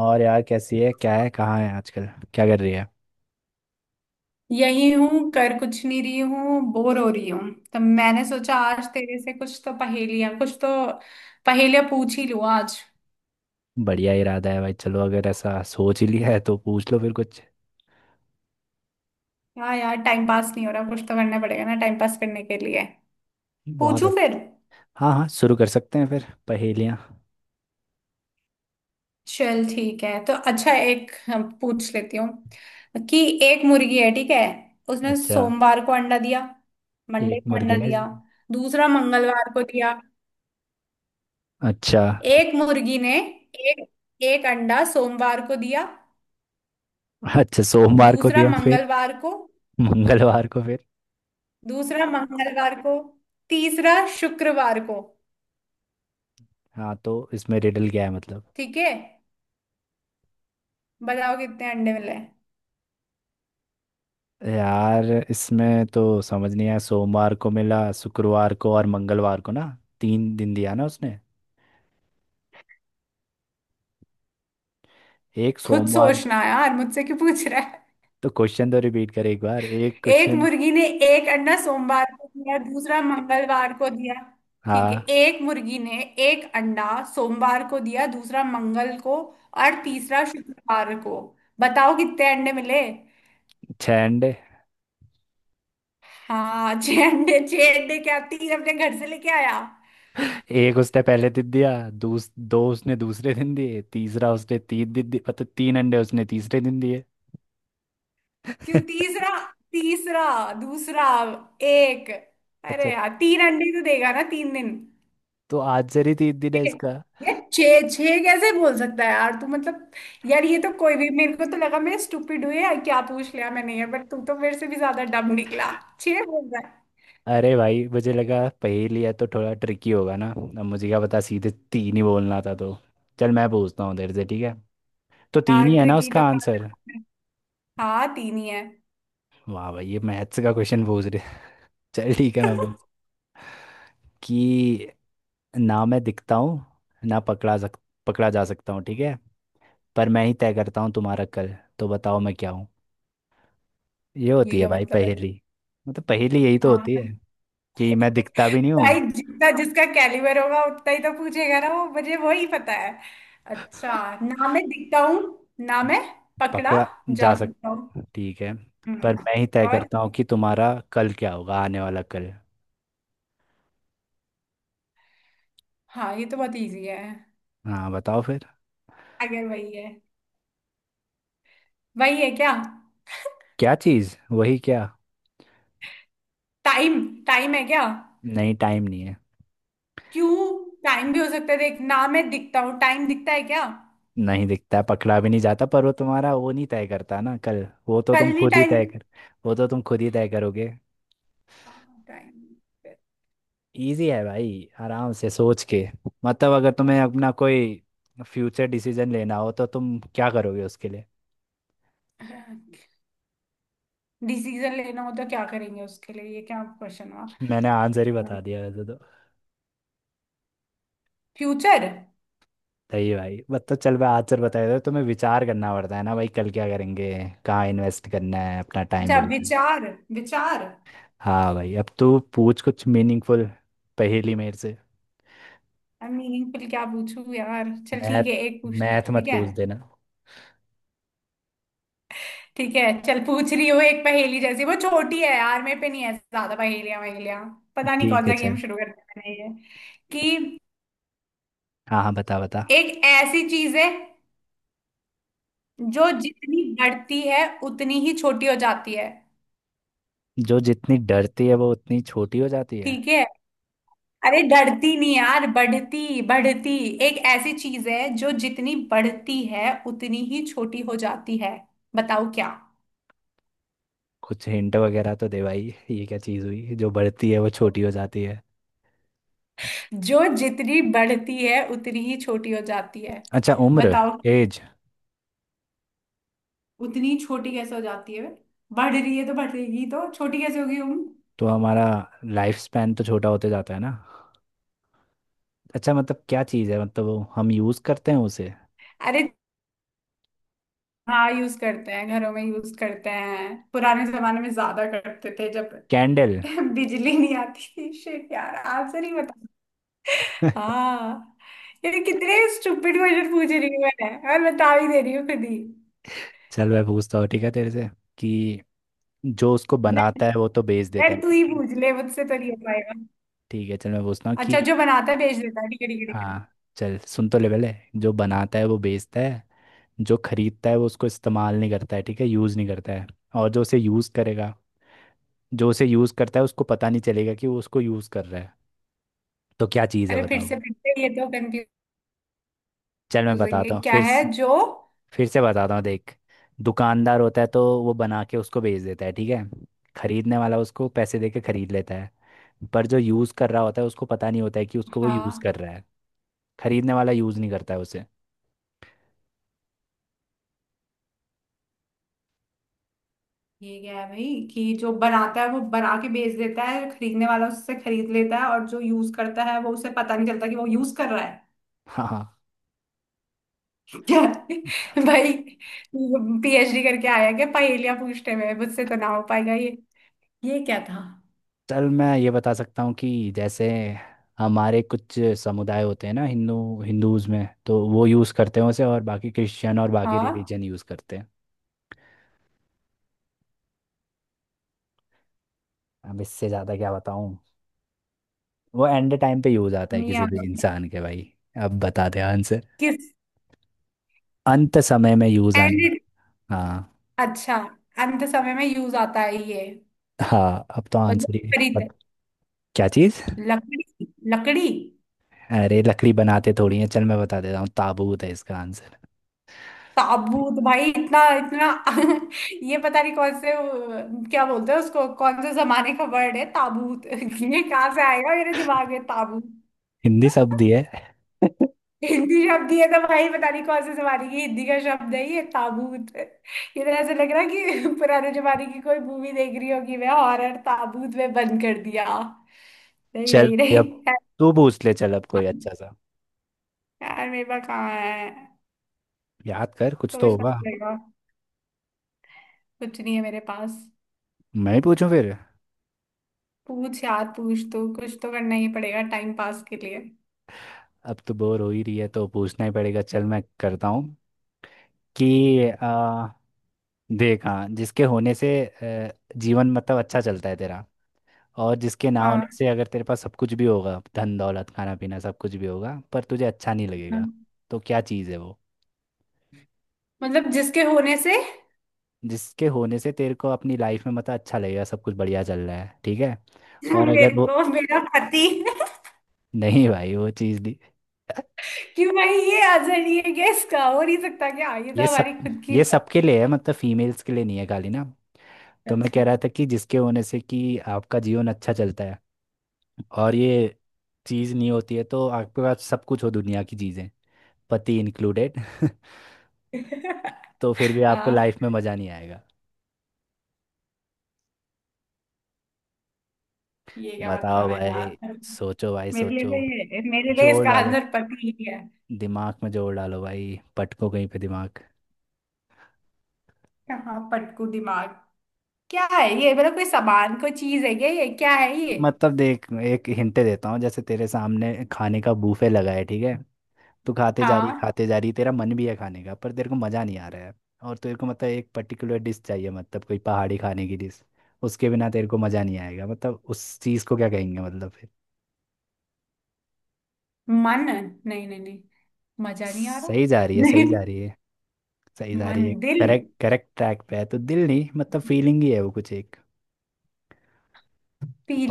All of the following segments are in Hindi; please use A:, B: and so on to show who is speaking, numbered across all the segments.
A: और यार, कैसी है, क्या है, कहाँ है आजकल? क्या कर रही है?
B: यही हूँ, कर कुछ नहीं रही हूँ, बोर हो रही हूँ। तब मैंने सोचा आज तेरे से कुछ तो पहेलियाँ पूछ ही लूँ आज।
A: बढ़िया इरादा है भाई। चलो, अगर ऐसा सोच ही लिया है तो पूछ लो फिर कुछ।
B: हाँ यार, टाइम पास नहीं हो रहा, कुछ तो करना पड़ेगा ना टाइम पास करने के लिए।
A: बहुत
B: पूछू फिर।
A: अच्छा। हाँ हाँ, शुरू कर सकते हैं फिर पहेलियाँ।
B: चल ठीक है, तो अच्छा एक हाँ, पूछ लेती हूँ कि एक मुर्गी है, ठीक है। उसने
A: अच्छा।
B: सोमवार को अंडा दिया, मंडे
A: एक
B: को
A: मुर्गी
B: अंडा
A: ने।
B: दिया। दूसरा मंगलवार को दिया।
A: अच्छा।
B: एक मुर्गी ने एक, एक अंडा सोमवार को दिया,
A: अच्छा, सोमवार को
B: दूसरा
A: दिया। फिर?
B: मंगलवार को।
A: मंगलवार को? फिर?
B: दूसरा मंगलवार को, तीसरा शुक्रवार को।
A: हाँ, तो इसमें रिडल क्या है मतलब?
B: ठीक है, बताओ कितने अंडे मिले।
A: यार, इसमें तो समझ नहीं आया। सोमवार को मिला, शुक्रवार को और मंगलवार को ना। तीन दिन दिया ना उसने। एक
B: खुद
A: सोमवार।
B: सोचना यार, मुझसे क्यों पूछ रहा है।
A: तो क्वेश्चन तो रिपीट कर एक बार, एक
B: एक
A: क्वेश्चन।
B: मुर्गी ने एक अंडा सोमवार को दिया, दूसरा मंगलवार को दिया। ठीक है,
A: हाँ,
B: एक मुर्गी ने एक अंडा सोमवार को दिया, दूसरा मंगल को और तीसरा शुक्रवार को। बताओ कितने अंडे मिले।
A: छह अंडे।
B: हाँ छह अंडे, छह अंडे क्या, तीन अपने घर से लेके आया?
A: एक उसने पहले दिन दिया, दो उसने दूसरे दिन दिए, तीसरा उसने तीन दिन दिए, मतलब तीन अंडे उसने तीसरे दिन दिए।
B: क्यों तीसरा? तीसरा, दूसरा, एक।
A: अच्छा।
B: अरे यार, तीन अंडे तो देगा ना तीन दिन।
A: तो आज ही तीन दिन है
B: छः।
A: इसका।
B: ये छः छः कैसे बोल सकता है यार तू, मतलब। यार ये तो कोई भी, मेरे को तो लगा मैं स्टूपिड हुई है, क्या पूछ लिया मैंने ये, बट तू तो मेरे से भी ज्यादा डम निकला। छः बोल रहा है।
A: अरे भाई, मुझे लगा पहेली है तो थोड़ा ट्रिकी होगा ना। अब मुझे क्या पता, सीधे तीन ही बोलना था तो। चल, मैं पूछता हूँ उधर से, ठीक है? तो तीन
B: यार
A: ही है ना
B: ट्रिकी
A: उसका
B: तो बात
A: आंसर?
B: है। हाँ तीन ही है।
A: वाह भाई, ये मैथ्स का क्वेश्चन पूछ रहे हैं। चल ठीक है, मैं बोल कि, ना मैं दिखता हूँ, ना पकड़ा जा सकता हूँ, ठीक है? पर मैं ही तय करता हूँ तुम्हारा कल। तो बताओ, मैं क्या हूँ? ये
B: ये
A: होती है
B: क्या
A: भाई
B: मतलब है।
A: पहेली। मतलब पहेली यही तो होती है।
B: हाँ
A: कि मैं दिखता भी नहीं
B: भाई,
A: हूँ,
B: जितना जिसका कैलिबर होगा उतना ही तो पूछेगा ना, वो मुझे वही पता है। अच्छा। ना मैं दिखता हूँ, ना मैं पकड़ा
A: पकड़ा जा
B: जा
A: सक
B: सकता हूँ।
A: ठीक है, पर
B: हम्म,
A: मैं ही तय
B: और।
A: करता हूँ कि तुम्हारा कल क्या होगा, आने वाला कल।
B: हाँ, ये तो बहुत इजी है।
A: हाँ, बताओ फिर।
B: अगर वही है, वही है क्या।
A: क्या चीज़? वही क्या?
B: टाइम, टाइम है क्या।
A: नहीं, टाइम नहीं है।
B: क्यों, टाइम भी हो सकता है, देख ना मैं दिखता हूँ, टाइम दिखता है क्या।
A: नहीं दिखता है, पकड़ा भी नहीं जाता, पर वो तुम्हारा वो नहीं तय करता ना कल,
B: कल ही टाइम।
A: वो तो तुम खुद ही तय करोगे।
B: टाइम।
A: इजी है भाई, आराम से सोच के। मतलब अगर तुम्हें अपना कोई फ्यूचर डिसीजन लेना हो, तो तुम क्या करोगे उसके लिए?
B: डिसीजन लेना हो तो क्या करेंगे उसके लिए, ये क्या क्वेश्चन
A: मैंने आंसर ही
B: हुआ।
A: बता दिया वैसे तो।
B: फ्यूचर।
A: सही है भाई। मतलब चल, मैं आंसर बता देता हूँ, तुम्हें विचार करना पड़ता है ना भाई, कल क्या करेंगे, कहाँ इन्वेस्ट करना है अपना टाइम
B: अच्छा
A: वगैरह।
B: विचार, विचार।
A: हाँ भाई, अब तू पूछ कुछ मीनिंगफुल पहेली मेरे से।
B: आई मीनिंगफुल, क्या पूछूं यार। चल ठीक
A: मैथ,
B: है, एक पूछ ले,
A: मैथ मत
B: ठीक है।
A: पूछ देना।
B: ठीक है, चल पूछ रही हो, एक पहेली जैसी, वो छोटी है यार, मेरे पे नहीं है ज्यादा पहेलियां वहेलियां। पता नहीं
A: ठीक
B: कौन
A: है,
B: सा गेम
A: चल।
B: शुरू कर दिया मैंने ये, कि
A: हाँ हाँ, बता बता।
B: एक ऐसी चीज है जो जितनी बढ़ती है उतनी ही छोटी हो जाती है।
A: जो जितनी डरती है वो उतनी छोटी हो जाती है?
B: ठीक है। अरे डरती नहीं यार, बढ़ती बढ़ती एक ऐसी चीज है जो जितनी बढ़ती है उतनी ही छोटी हो जाती है, बताओ क्या।
A: कुछ हिंट वगैरह तो दे भाई, ये क्या चीज़ हुई जो बढ़ती है वो छोटी हो जाती है?
B: जो जितनी बढ़ती है उतनी ही छोटी हो जाती है,
A: अच्छा, उम्र?
B: बताओ।
A: एज?
B: उतनी छोटी कैसे हो जाती है, बढ़ रही है तो बढ़ेगी, तो छोटी कैसे होगी।
A: तो हमारा लाइफ स्पैन तो छोटा होते जाता है ना। अच्छा, मतलब क्या चीज़ है? मतलब वो हम यूज़ करते हैं उसे?
B: अरे। हाँ यूज करते हैं, घरों में यूज करते हैं, पुराने जमाने में ज्यादा करते थे जब
A: कैंडल?
B: बिजली नहीं आती थी। शिट यार, आंसर ही बता। हाँ। ये कितने स्टूपिड क्वेश्चन पूछ रही हूँ मैं, और बता भी दे रही हूँ खुद ही।
A: चल, मैं पूछता हूँ, ठीक है तेरे से? कि जो उसको
B: डर,
A: बनाता है वो तो बेच देता
B: डर
A: है।
B: तू ही पूछ ले, मुझसे तो नहीं हो पाएगा।
A: ठीक है, चल मैं पूछता हूँ कि,
B: अच्छा जो बनाता है भेज देता है, ठीक है ठीक है ठीक है।
A: हाँ, चल सुन। तो लेवल है, जो बनाता है वो बेचता है, जो खरीदता है वो उसको इस्तेमाल नहीं करता है, ठीक है, यूज़ नहीं करता है, और जो उसे यूज़ करेगा, जो उसे यूज करता है उसको पता नहीं चलेगा कि वो उसको यूज कर रहा है। तो क्या चीज है,
B: अरे फिर
A: बताओ?
B: से, फिर से, ये तो
A: चल मैं
B: कंफ्यूजिंग है,
A: बताता हूँ
B: क्या है जो।
A: फिर से बताता हूँ, देख। दुकानदार होता है तो वो बना के उसको बेच देता है, ठीक है। खरीदने वाला उसको पैसे दे के खरीद लेता है। पर जो यूज कर रहा होता है उसको पता नहीं होता है कि उसको वो यूज
B: हाँ।
A: कर रहा है। खरीदने वाला यूज नहीं करता है उसे।
B: ये क्या है भाई, कि जो बनाता है वो बना के बेच देता है, जो खरीदने वाला उससे खरीद लेता है, और जो यूज करता है वो उसे पता नहीं चलता कि वो यूज कर रहा है।
A: हाँ हाँ।
B: क्या भाई, पीएचडी करके आया क्या पहेलियां पूछने में, मुझसे तो ना हो पाएगा ये। ये क्या था।
A: चल मैं ये बता सकता हूँ कि जैसे हमारे कुछ समुदाय होते हैं ना, हिंदू, हिंदूज में तो वो यूज़ करते हैं उसे, और बाकी क्रिश्चियन और बाकी
B: हाँ।
A: रिलीजन यूज़ करते हैं। अब इससे ज्यादा क्या बताऊं। वो एंड टाइम पे यूज आता है
B: नहीं
A: किसी
B: आ।
A: भी इंसान के, भाई। अब बता दे आंसर।
B: किस।
A: अंत समय में यूज
B: एंड
A: आना।
B: इट।
A: हाँ,
B: अच्छा, अंत समय में यूज आता है ये।
A: हाँ, अब तो
B: और जो
A: आंसर ही
B: खरीदते,
A: बट। क्या चीज?
B: लकड़ी, लकड़ी।
A: अरे लकड़ी बनाते थोड़ी है। चल मैं बता देता हूँ, ताबूत है इसका आंसर।
B: ताबूत, भाई इतना इतना ये पता नहीं कौन से वो- क्या बोलते हैं उसको, कौन से जमाने का वर्ड है ताबूत। ये कहाँ से आएगा मेरे दिमाग में ताबूत।
A: हिंदी शब्द ही है।
B: हिंदी शब्द ही है तो भाई, पता नहीं कौन से जमाने की हिंदी का शब्द है ये ताबूत। ये तो ऐसे लग रहा है कि पुराने जमाने की कोई मूवी देख रही होगी मैं हॉरर, ताबूत में बंद कर दिया। नहीं
A: चल
B: नहीं
A: भाई,
B: नहीं।
A: अब तू पूछ ले चल, अब कोई अच्छा सा।
B: यार मेरे पास कहाँ है,
A: याद कर, कुछ तो
B: सोचना
A: होगा।
B: पड़ेगा। कुछ नहीं है मेरे पास।
A: मैं ही पूछूं फिर?
B: पूछ यार पूछ, तू कुछ तो करना ही पड़ेगा टाइम पास के लिए।
A: अब तो बोर हो ही रही है तो पूछना ही पड़ेगा। चल मैं करता हूँ कि देख, हाँ, जिसके होने से जीवन मतलब अच्छा चलता है तेरा, और जिसके ना होने
B: हाँ।
A: से अगर तेरे पास सब कुछ भी होगा, धन दौलत, खाना पीना, सब कुछ भी होगा, पर तुझे अच्छा नहीं लगेगा।
B: हाँ।
A: तो क्या चीज़ है वो?
B: मतलब जिसके होने से
A: जिसके होने से तेरे को अपनी लाइफ में मतलब अच्छा लगेगा, सब कुछ बढ़िया चल रहा है, ठीक है? और अगर
B: मेरे
A: वो
B: को मेरा पति।
A: नहीं भाई, वो चीज़ नहीं।
B: कि भाई ये अजर ये गेस का हो नहीं सकता क्या, ये तो
A: ये सब,
B: हमारी खुद की।
A: ये सबके लिए है मतलब, फीमेल्स के लिए नहीं है खाली ना। तो मैं कह
B: अच्छा।
A: रहा था कि जिसके होने से कि आपका जीवन अच्छा चलता है, और ये चीज़ नहीं होती है तो आपके पास सब कुछ हो दुनिया की चीज़ें, पति इंक्लूडेड तो फिर भी आपको
B: हाँ,
A: लाइफ में मज़ा नहीं आएगा।
B: ये क्या
A: बताओ
B: मतलब है
A: भाई।
B: यार।
A: सोचो भाई
B: मेरे लिए
A: सोचो।
B: तो, ये मेरे लिए
A: जोर
B: इसका
A: डालो,
B: आंसर पति ही है।
A: दिमाग में जोर डालो भाई, पटको कहीं पे दिमाग।
B: हाँ पटकू दिमाग। क्या है ये, मतलब कोई सामान, कोई चीज है क्या ये, क्या है ये।
A: मतलब देख, एक हिंट देता हूँ। जैसे तेरे सामने खाने का बूफे लगा है, ठीक है। तू खाते जा रही,
B: हाँ
A: खाते जा रही, तेरा मन भी है खाने का, पर तेरे को मज़ा नहीं आ रहा है। और तेरे को मतलब एक पर्टिकुलर डिश चाहिए, मतलब कोई पहाड़ी खाने की डिश। उसके बिना तेरे को मज़ा नहीं आएगा, मतलब उस चीज़ को क्या कहेंगे मतलब फिर?
B: मन। नहीं नहीं नहीं, मजा नहीं आ रहा।
A: सही जा रही है, सही
B: नहीं।
A: जा रही है। सही जा रही
B: मन,
A: है।
B: दिल।
A: करेक्ट, करेक्ट ट्रैक पे है, तो दिल नहीं, मतलब फीलिंग ही है वो कुछ एक।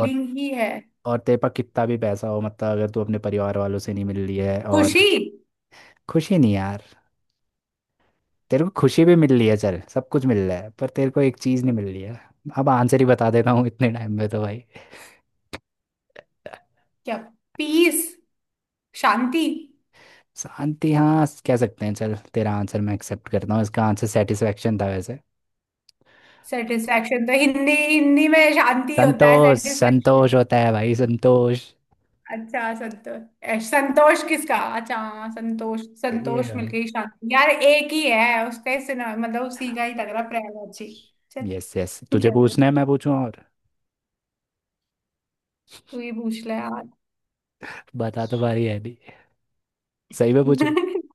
A: और
B: ही है।
A: और तेरे पास कितना भी पैसा हो, मतलब अगर तू अपने परिवार वालों से नहीं मिल रही है, और
B: खुशी।
A: खुशी नहीं यार। तेरे को खुशी भी मिल रही है, चल सब कुछ मिल रहा है, पर तेरे को एक चीज़ नहीं मिल रही है। अब आंसर ही बता देता हूँ इतने टाइम में तो, भाई।
B: क्या? पीस, शांति।
A: शांति, हाँ, कह सकते हैं। चल तेरा आंसर मैं एक्सेप्ट करता हूँ, इसका आंसर सेटिस्फेक्शन था वैसे।
B: सेटिस्फेक्शन तो हिंदी, हिंदी में शांति होता है।
A: संतोष, संतोष होता है भाई, संतोष।
B: अच्छा संतोष। संतोष किसका, अच्छा हाँ, संतोष।
A: ये
B: संतोष
A: भाई,
B: मिलके ही शांति यार, एक ही है उसका ही सुना, मतलब उसी का ही लग रहा प्रयाग जी। चल।
A: यस यस, तुझे
B: क्या है?
A: पूछना है, मैं पूछूं और?
B: तू ही पूछ ले यार।
A: बता तो पा रही है अभी, सही में पूछू?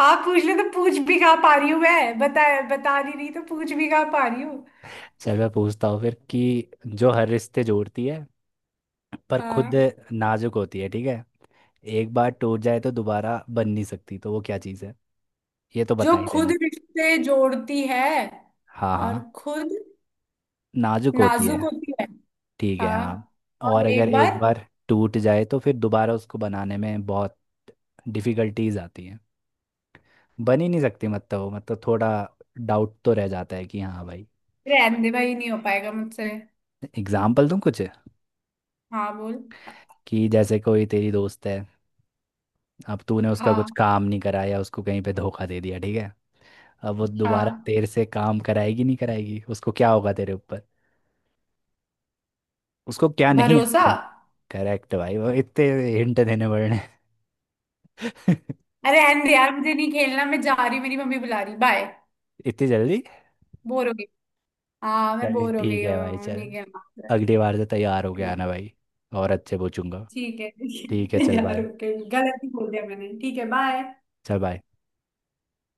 B: आप पूछ ले तो पूछ भी कहाँ पा रही हूँ मैं, बता। बता नहीं रही तो पूछ भी कहाँ पा रही हूँ।
A: चल मैं पूछता हूँ फिर कि, जो हर रिश्ते जोड़ती है पर खुद
B: हाँ।
A: नाजुक होती है, ठीक है, एक बार टूट जाए तो दोबारा बन नहीं सकती, तो वो क्या चीज़ है? ये तो बता
B: जो
A: ही
B: खुद
A: देने।
B: रिश्ते जोड़ती है
A: हाँ
B: और
A: हाँ,
B: खुद
A: नाजुक होती
B: नाजुक
A: है,
B: होती है।
A: ठीक है, हाँ।
B: हाँ।
A: और
B: और
A: अगर
B: एक
A: एक
B: बार,
A: बार टूट जाए तो फिर दोबारा उसको बनाने में बहुत डिफिकल्टीज आती हैं, बन ही नहीं सकती, मतलब वो मतलब थोड़ा डाउट तो रह जाता है कि, हाँ भाई।
B: रहने दे भाई, नहीं हो पाएगा मुझसे।
A: एग्जाम्पल दूँ कुछ?
B: हाँ बोल।
A: कि जैसे कोई तेरी दोस्त है, अब तूने उसका कुछ
B: हाँ
A: काम नहीं कराया, उसको कहीं पे धोखा दे दिया, ठीक है। अब वो दोबारा
B: हाँ।
A: तेरे से काम कराएगी? नहीं कराएगी। उसको क्या होगा तेरे ऊपर? उसको क्या नहीं
B: भरोसा।
A: आता? करेक्ट भाई, वो इतने हिंट देने पड़ने।
B: अरे एंड यार, मुझे नहीं खेलना, मैं जा रही हूँ, मेरी मम्मी बुला रही, बाय।
A: इतनी जल्दी?
B: बोर हो गई, हाँ मैं
A: चल
B: बोर हो
A: ठीक
B: गई
A: है भाई,
B: हूँ,
A: चल।
B: नहीं खेलना।
A: अगली बार से तैयार होके
B: ठीक।
A: आना भाई, और अच्छे पूछूंगा।
B: ठीक है
A: ठीक है, चल
B: यार,
A: भाई।
B: ओके गलत ही बोल दिया मैंने, ठीक है बाय।
A: चल भाई।